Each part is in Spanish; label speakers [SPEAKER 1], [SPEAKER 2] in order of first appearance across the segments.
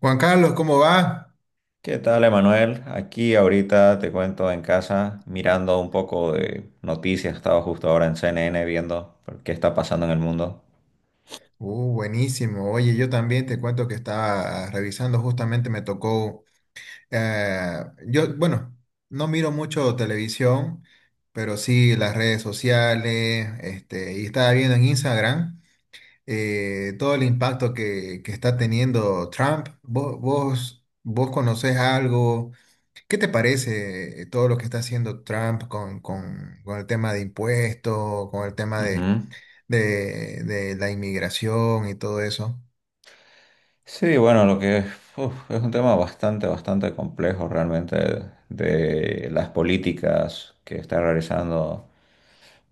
[SPEAKER 1] Juan Carlos, ¿cómo va?
[SPEAKER 2] ¿Qué tal, Emanuel? Aquí ahorita te cuento en casa mirando un poco de noticias. Estaba justo ahora en CNN viendo qué está pasando en el mundo.
[SPEAKER 1] Buenísimo. Oye, yo también te cuento que estaba revisando, justamente me tocó, yo, bueno, no miro mucho televisión, pero sí las redes sociales, y estaba viendo en Instagram todo el impacto que está teniendo Trump. ¿Vos conocés algo? ¿Qué te parece todo lo que está haciendo Trump con el tema de impuestos, con el tema de
[SPEAKER 2] Ujú.
[SPEAKER 1] de la inmigración y todo eso?
[SPEAKER 2] Sí, bueno, lo que uf, es un tema bastante, bastante complejo realmente de las políticas que está realizando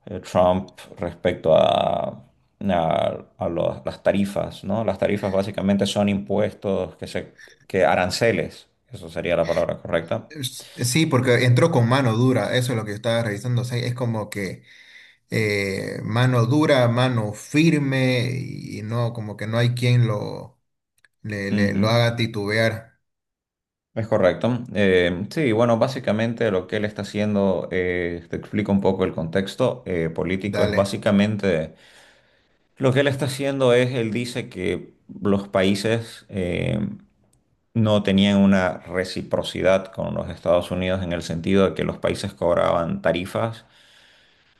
[SPEAKER 2] Trump respecto a las tarifas, ¿no? Las tarifas básicamente son impuestos que aranceles, eso sería la palabra correcta.
[SPEAKER 1] Sí, porque entró con mano dura, eso es lo que yo estaba revisando. O sea, es como que mano dura, mano firme y no, como que no hay quien
[SPEAKER 2] Ujú.
[SPEAKER 1] lo haga titubear.
[SPEAKER 2] Es correcto. Sí, bueno, básicamente lo que él está haciendo, te explico un poco el contexto político, es
[SPEAKER 1] Dale.
[SPEAKER 2] básicamente lo que él está haciendo es, él dice que los países no tenían una reciprocidad con los Estados Unidos en el sentido de que los países cobraban tarifas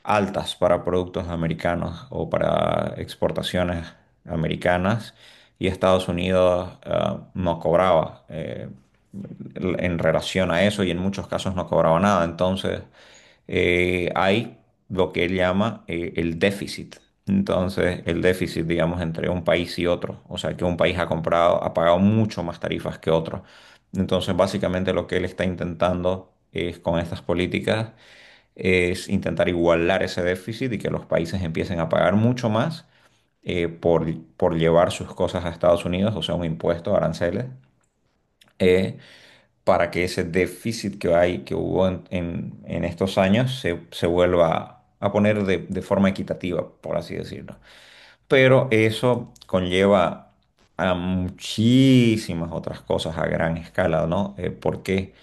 [SPEAKER 2] altas para productos americanos o para exportaciones americanas y Estados Unidos no cobraba en relación a eso y en muchos casos no cobraba nada. Entonces hay lo que él llama el déficit. Entonces, el déficit, digamos, entre un país y otro, o sea, que un país ha comprado, ha pagado mucho más tarifas que otro. Entonces, básicamente lo que él está intentando es con estas políticas es intentar igualar ese déficit y que los países empiecen a pagar mucho más eh, por, por llevar sus cosas a Estados Unidos, o sea, un impuesto, aranceles, eh, para que ese déficit que hay, que hubo en estos años, se vuelva a poner de forma equitativa, por así decirlo. Pero eso conlleva a muchísimas otras cosas a gran escala, ¿no? ¿Por qué?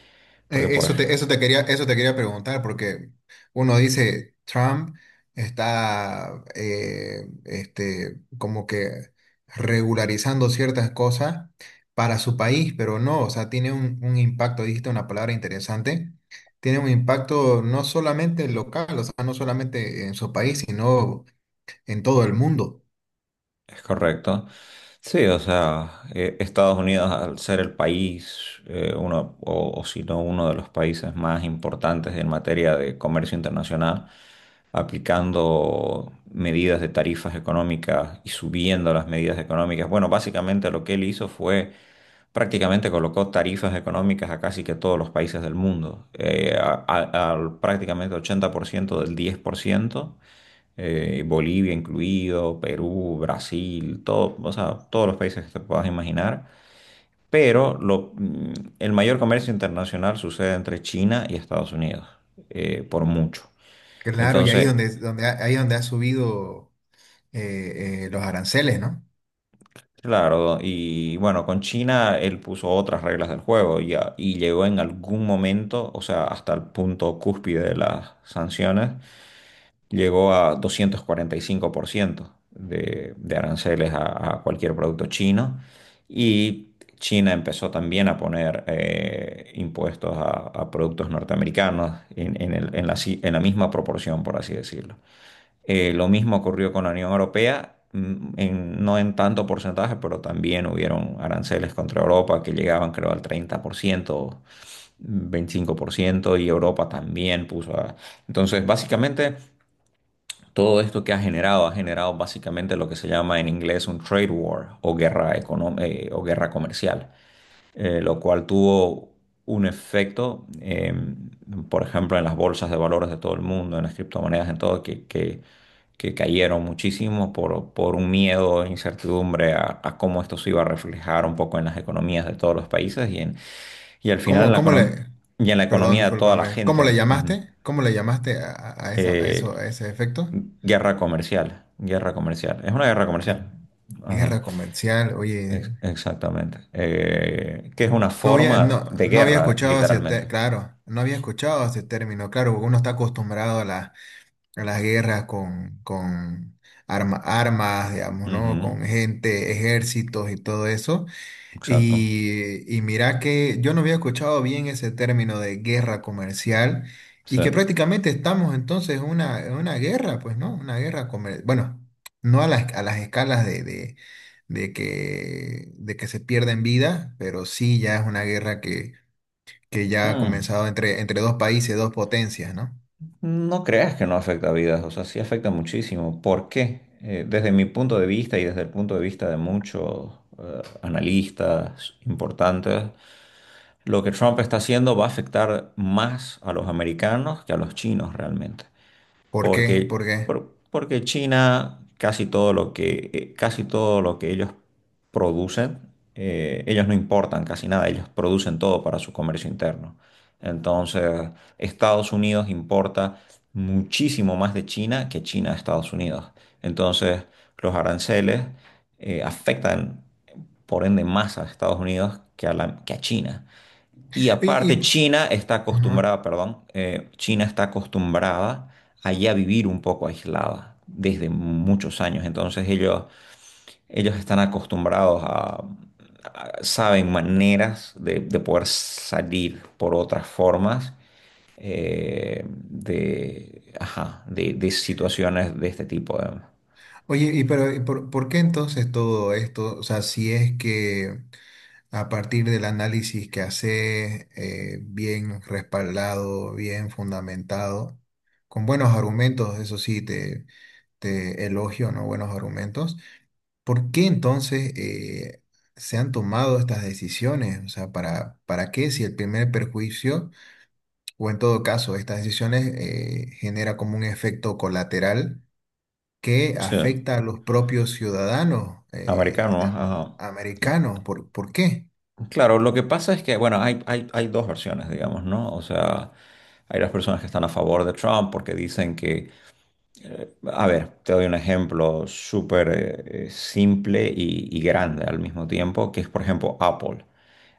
[SPEAKER 2] Porque, por, ej-
[SPEAKER 1] Eso te quería preguntar, porque uno dice Trump está como que regularizando ciertas cosas para su país, pero no, o sea, tiene un impacto, dijiste una palabra interesante, tiene un impacto no solamente local, o sea, no solamente en su país, sino en todo el mundo.
[SPEAKER 2] Es correcto. Sí, o sea, Estados Unidos al ser el país, uno, o si no uno de los países más importantes en materia de comercio internacional, aplicando medidas de tarifas económicas y subiendo las medidas económicas. Bueno, básicamente lo que él hizo fue prácticamente colocó tarifas económicas a casi que todos los países del mundo, al prácticamente 80% del 10%, Bolivia incluido, Perú, Brasil, todo, o sea, todos los países que te puedas imaginar. Pero el mayor comercio internacional sucede entre China y Estados Unidos, por mucho.
[SPEAKER 1] Claro, y ahí es
[SPEAKER 2] Entonces,
[SPEAKER 1] ahí es donde ha subido los aranceles, ¿no?
[SPEAKER 2] claro, y bueno, con China él puso otras reglas del juego y llegó en algún momento, o sea, hasta el punto cúspide de las sanciones llegó a 245% de aranceles a cualquier producto chino y China empezó también a poner impuestos a productos norteamericanos en el- en la, si- en la misma proporción, por así decirlo. Lo mismo ocurrió con la Unión Europea. No en tanto porcentaje, pero también hubieron aranceles contra Europa que llegaban creo al 30%, 25%, y Europa también puso a... Entonces, básicamente, todo esto que ha generado básicamente lo que se llama en inglés un trade war o guerra comercial, lo cual tuvo un efecto, por ejemplo, en las bolsas de valores de todo el mundo, en las criptomonedas, en todo, que cayeron muchísimo por un miedo e incertidumbre a cómo esto se iba a reflejar un poco en las economías de todos los países y, en, y al final en
[SPEAKER 1] ¿Cómo,
[SPEAKER 2] la,
[SPEAKER 1] cómo
[SPEAKER 2] econom-
[SPEAKER 1] le,
[SPEAKER 2] y en la
[SPEAKER 1] perdón,
[SPEAKER 2] economía de toda la
[SPEAKER 1] discúlpame, ¿cómo
[SPEAKER 2] gente.
[SPEAKER 1] le
[SPEAKER 2] Ujú.
[SPEAKER 1] llamaste? ¿Cómo le llamaste a esa, a eso,
[SPEAKER 2] Eh,
[SPEAKER 1] a ese efecto?
[SPEAKER 2] Guerra comercial, guerra comercial. Es una guerra
[SPEAKER 1] A
[SPEAKER 2] comercial. Ajá,
[SPEAKER 1] guerra comercial, oye,
[SPEAKER 2] exactamente. Que es una
[SPEAKER 1] no había,
[SPEAKER 2] forma de
[SPEAKER 1] no había
[SPEAKER 2] guerra,
[SPEAKER 1] escuchado ese,
[SPEAKER 2] literalmente.
[SPEAKER 1] claro, no había escuchado ese término, claro, porque uno está acostumbrado a las guerras con armas, digamos, ¿no?
[SPEAKER 2] Ujú,
[SPEAKER 1] Con gente, ejércitos y todo eso.
[SPEAKER 2] exacto.
[SPEAKER 1] Y mira que yo no había escuchado bien ese término de guerra comercial y
[SPEAKER 2] Sí.
[SPEAKER 1] que prácticamente estamos entonces en una guerra, pues, ¿no? Una guerra comercial. Bueno, no a las, a las escalas de que se pierden vidas, pero sí ya es una guerra que ya ha
[SPEAKER 2] Mm,
[SPEAKER 1] comenzado entre, entre dos países, dos potencias, ¿no?
[SPEAKER 2] no creas que no afecta vidas, o sea, sí afecta muchísimo. ¿Por qué? Desde mi punto de vista y desde el punto de vista de muchos analistas importantes, lo que Trump está haciendo va a afectar más a los americanos que a los chinos realmente.
[SPEAKER 1] ¿Por qué?
[SPEAKER 2] porque,
[SPEAKER 1] ¿Por qué?
[SPEAKER 2] por- porque China, casi todo lo que ellos producen, ellos no importan casi nada, ellos producen todo para su comercio interno. Entonces, Estados Unidos importa muchísimo más de China que China a Estados Unidos. Entonces, los aranceles afectan, por ende, más a Estados Unidos que que a China. Y aparte,
[SPEAKER 1] Y-
[SPEAKER 2] China está
[SPEAKER 1] ajá.
[SPEAKER 2] acostumbrada, perdón, China está acostumbrada a ya vivir un poco aislada desde muchos años. Entonces ellos están acostumbrados saben maneras de poder salir por otras formas ajá, de situaciones de este tipo. De,
[SPEAKER 1] Oye, y pero ¿y por qué entonces todo esto? O sea, si es que... A partir del análisis que haces, bien respaldado, bien fundamentado, con buenos argumentos, eso sí, te elogio, ¿no? Buenos argumentos. ¿Por qué entonces se han tomado estas decisiones? O sea, para qué si el primer perjuicio, o en todo caso, estas decisiones genera como un efecto colateral que
[SPEAKER 2] sí,
[SPEAKER 1] afecta a los propios ciudadanos
[SPEAKER 2] americanos, ajá.
[SPEAKER 1] americanos? Por qué?
[SPEAKER 2] Claro, lo que pasa es que, bueno, hay dos versiones, digamos, ¿no? O sea, hay las personas que están a favor de Trump porque dicen que a ver, te doy un ejemplo súper simple y grande al mismo tiempo, que es, por ejemplo, Apple.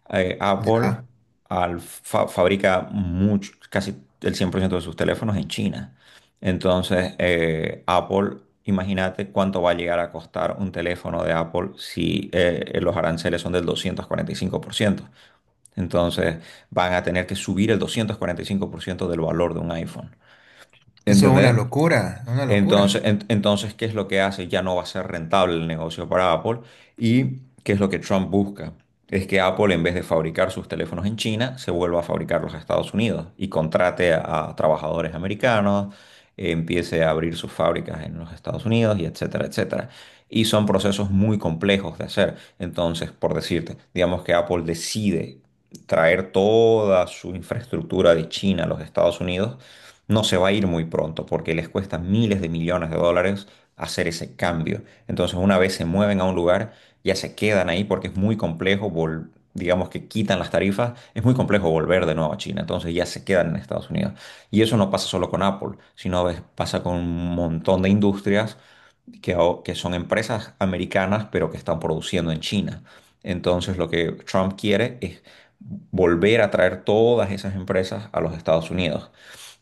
[SPEAKER 2] Apple
[SPEAKER 1] Ya.
[SPEAKER 2] fabrica mucho, casi el 100% de sus teléfonos en China. Entonces, Apple, imagínate cuánto va a llegar a costar un teléfono de Apple si los aranceles son del 245%. Entonces, van a tener que subir el 245% del valor de un iPhone.
[SPEAKER 1] Eso es una
[SPEAKER 2] ¿Entendés?
[SPEAKER 1] locura, una
[SPEAKER 2] Entonces,
[SPEAKER 1] locura.
[SPEAKER 2] entonces, ¿qué es lo que hace? Ya no va a ser rentable el negocio para Apple. ¿Y qué es lo que Trump busca? Es que Apple, en vez de fabricar sus teléfonos en China, se vuelva a fabricarlos en Estados Unidos y contrate a trabajadores americanos, empiece a abrir sus fábricas en los Estados Unidos y etcétera, etcétera. Y son procesos muy complejos de hacer. Entonces, por decirte, digamos que Apple decide traer toda su infraestructura de China a los Estados Unidos, no se va a ir muy pronto porque les cuesta miles de millones de dólares hacer ese cambio. Entonces, una vez se mueven a un lugar, ya se quedan ahí porque es muy complejo, vol- digamos que quitan las tarifas, es muy complejo volver de nuevo a China. Entonces, ya se quedan en Estados Unidos. Y eso no pasa solo con Apple, sino es- pasa con un montón de industrias que, ao- que son empresas americanas, pero que están produciendo en China. Entonces, lo que Trump quiere es volver a traer todas esas empresas a los Estados Unidos.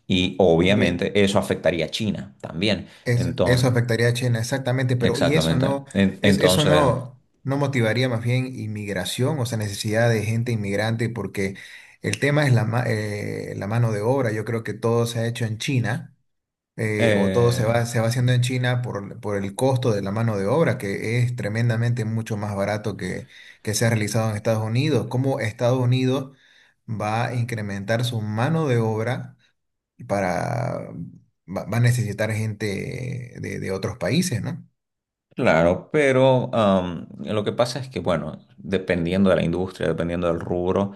[SPEAKER 2] Y
[SPEAKER 1] Oye,
[SPEAKER 2] obviamente eso afectaría a China también.
[SPEAKER 1] eso
[SPEAKER 2] Entonces,
[SPEAKER 1] afectaría a China, exactamente, pero ¿y eso
[SPEAKER 2] exactamente.
[SPEAKER 1] no,
[SPEAKER 2] En-
[SPEAKER 1] eso
[SPEAKER 2] entonces,
[SPEAKER 1] no, no motivaría más bien inmigración, o sea, necesidad de gente inmigrante? Porque el tema es la mano de obra. Yo creo que todo se ha hecho en China, o todo se
[SPEAKER 2] eh,
[SPEAKER 1] se va haciendo en China por el costo de la mano de obra, que es tremendamente mucho más barato que se ha realizado en Estados Unidos. ¿Cómo Estados Unidos va a incrementar su mano de obra? Para va a necesitar gente de otros países, ¿no?
[SPEAKER 2] claro, pero lo que pasa es que, bueno, dependiendo de la industria, dependiendo del rubro,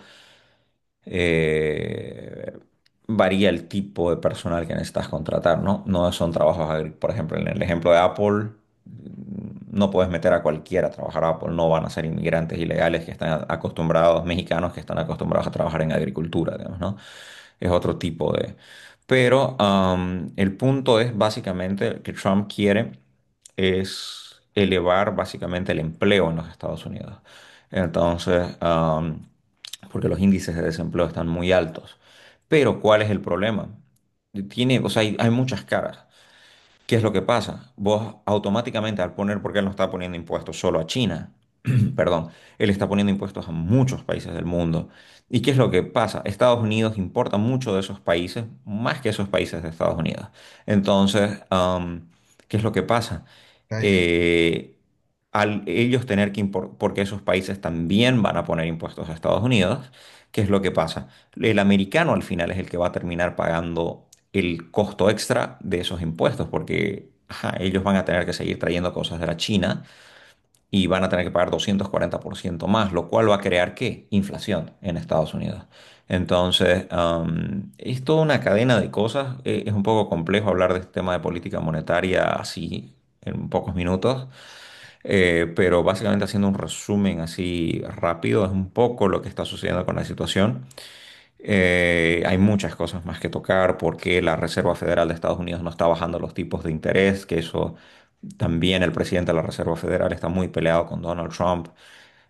[SPEAKER 2] eh, varía el tipo de personal que necesitas contratar, ¿no? No son trabajos agrícolas. Por ejemplo, en el ejemplo de Apple, mm, no puedes meter a cualquiera a trabajar a Apple. No van a ser inmigrantes ilegales que están acostumbrados, mexicanos que están acostumbrados a trabajar en agricultura, digamos, ¿no? Es otro tipo de... Pero el punto es básicamente que Trump quiere es elevar básicamente el empleo en los Estados Unidos. Entonces, porque los índices de desempleo están muy altos. Pero, ¿cuál es el problema? Tiene, o sea, hay muchas caras. ¿Qué es lo que pasa? Vos automáticamente al poner, porque él no está poniendo impuestos solo a China, perdón, él está poniendo impuestos a muchos países del mundo. ¿Y qué es lo que pasa? Estados Unidos importa mucho de esos países, más que esos países de Estados Unidos. Entonces, ¿qué es lo que pasa?
[SPEAKER 1] Calle.
[SPEAKER 2] Eh, al ellos tener que porque esos países también van a poner impuestos a Estados Unidos, ¿qué es lo que pasa? El americano al final es el que va a terminar pagando el costo extra de esos impuestos, porque ajá, ellos van a tener que seguir trayendo cosas de la China y van a tener que pagar 240% más, lo cual va a crear ¿qué? Inflación en Estados Unidos. Entonces, es toda una cadena de cosas. Es un poco complejo hablar de este tema de política monetaria así en pocos minutos, pero básicamente haciendo un resumen así rápido, es un poco lo que está sucediendo con la situación. Hay muchas cosas más que tocar porque la Reserva Federal de Estados Unidos no está bajando los tipos de interés, que eso también el presidente de la Reserva Federal está muy peleado con Donald Trump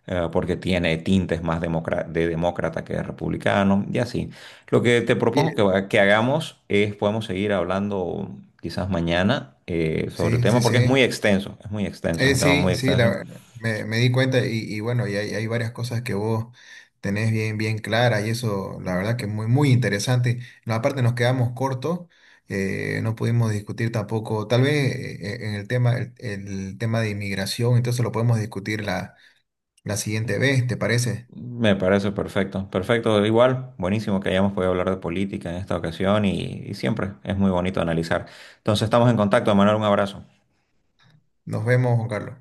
[SPEAKER 2] porque tiene tintes más de demócrata que de republicano y así. Lo que te propongo que,
[SPEAKER 1] Bien.
[SPEAKER 2] va- que hagamos es podemos seguir hablando quizás mañana sobre el
[SPEAKER 1] Sí, sí,
[SPEAKER 2] tema porque es muy
[SPEAKER 1] sí.
[SPEAKER 2] extenso, es muy extenso, es un tema muy
[SPEAKER 1] Sí, sí,
[SPEAKER 2] extenso.
[SPEAKER 1] me di cuenta y bueno, y hay varias cosas que vos tenés bien, bien claras y eso, la verdad que es muy, muy interesante. No, aparte nos quedamos cortos, no pudimos discutir tampoco, tal vez en el tema, el tema de inmigración, entonces lo podemos discutir la siguiente vez, ¿te parece?
[SPEAKER 2] Me parece perfecto, perfecto, igual, buenísimo que hayamos podido hablar de política en esta ocasión y siempre es muy bonito analizar. Entonces estamos en contacto, Manuel, un abrazo.
[SPEAKER 1] Nos vemos, Juan Carlos.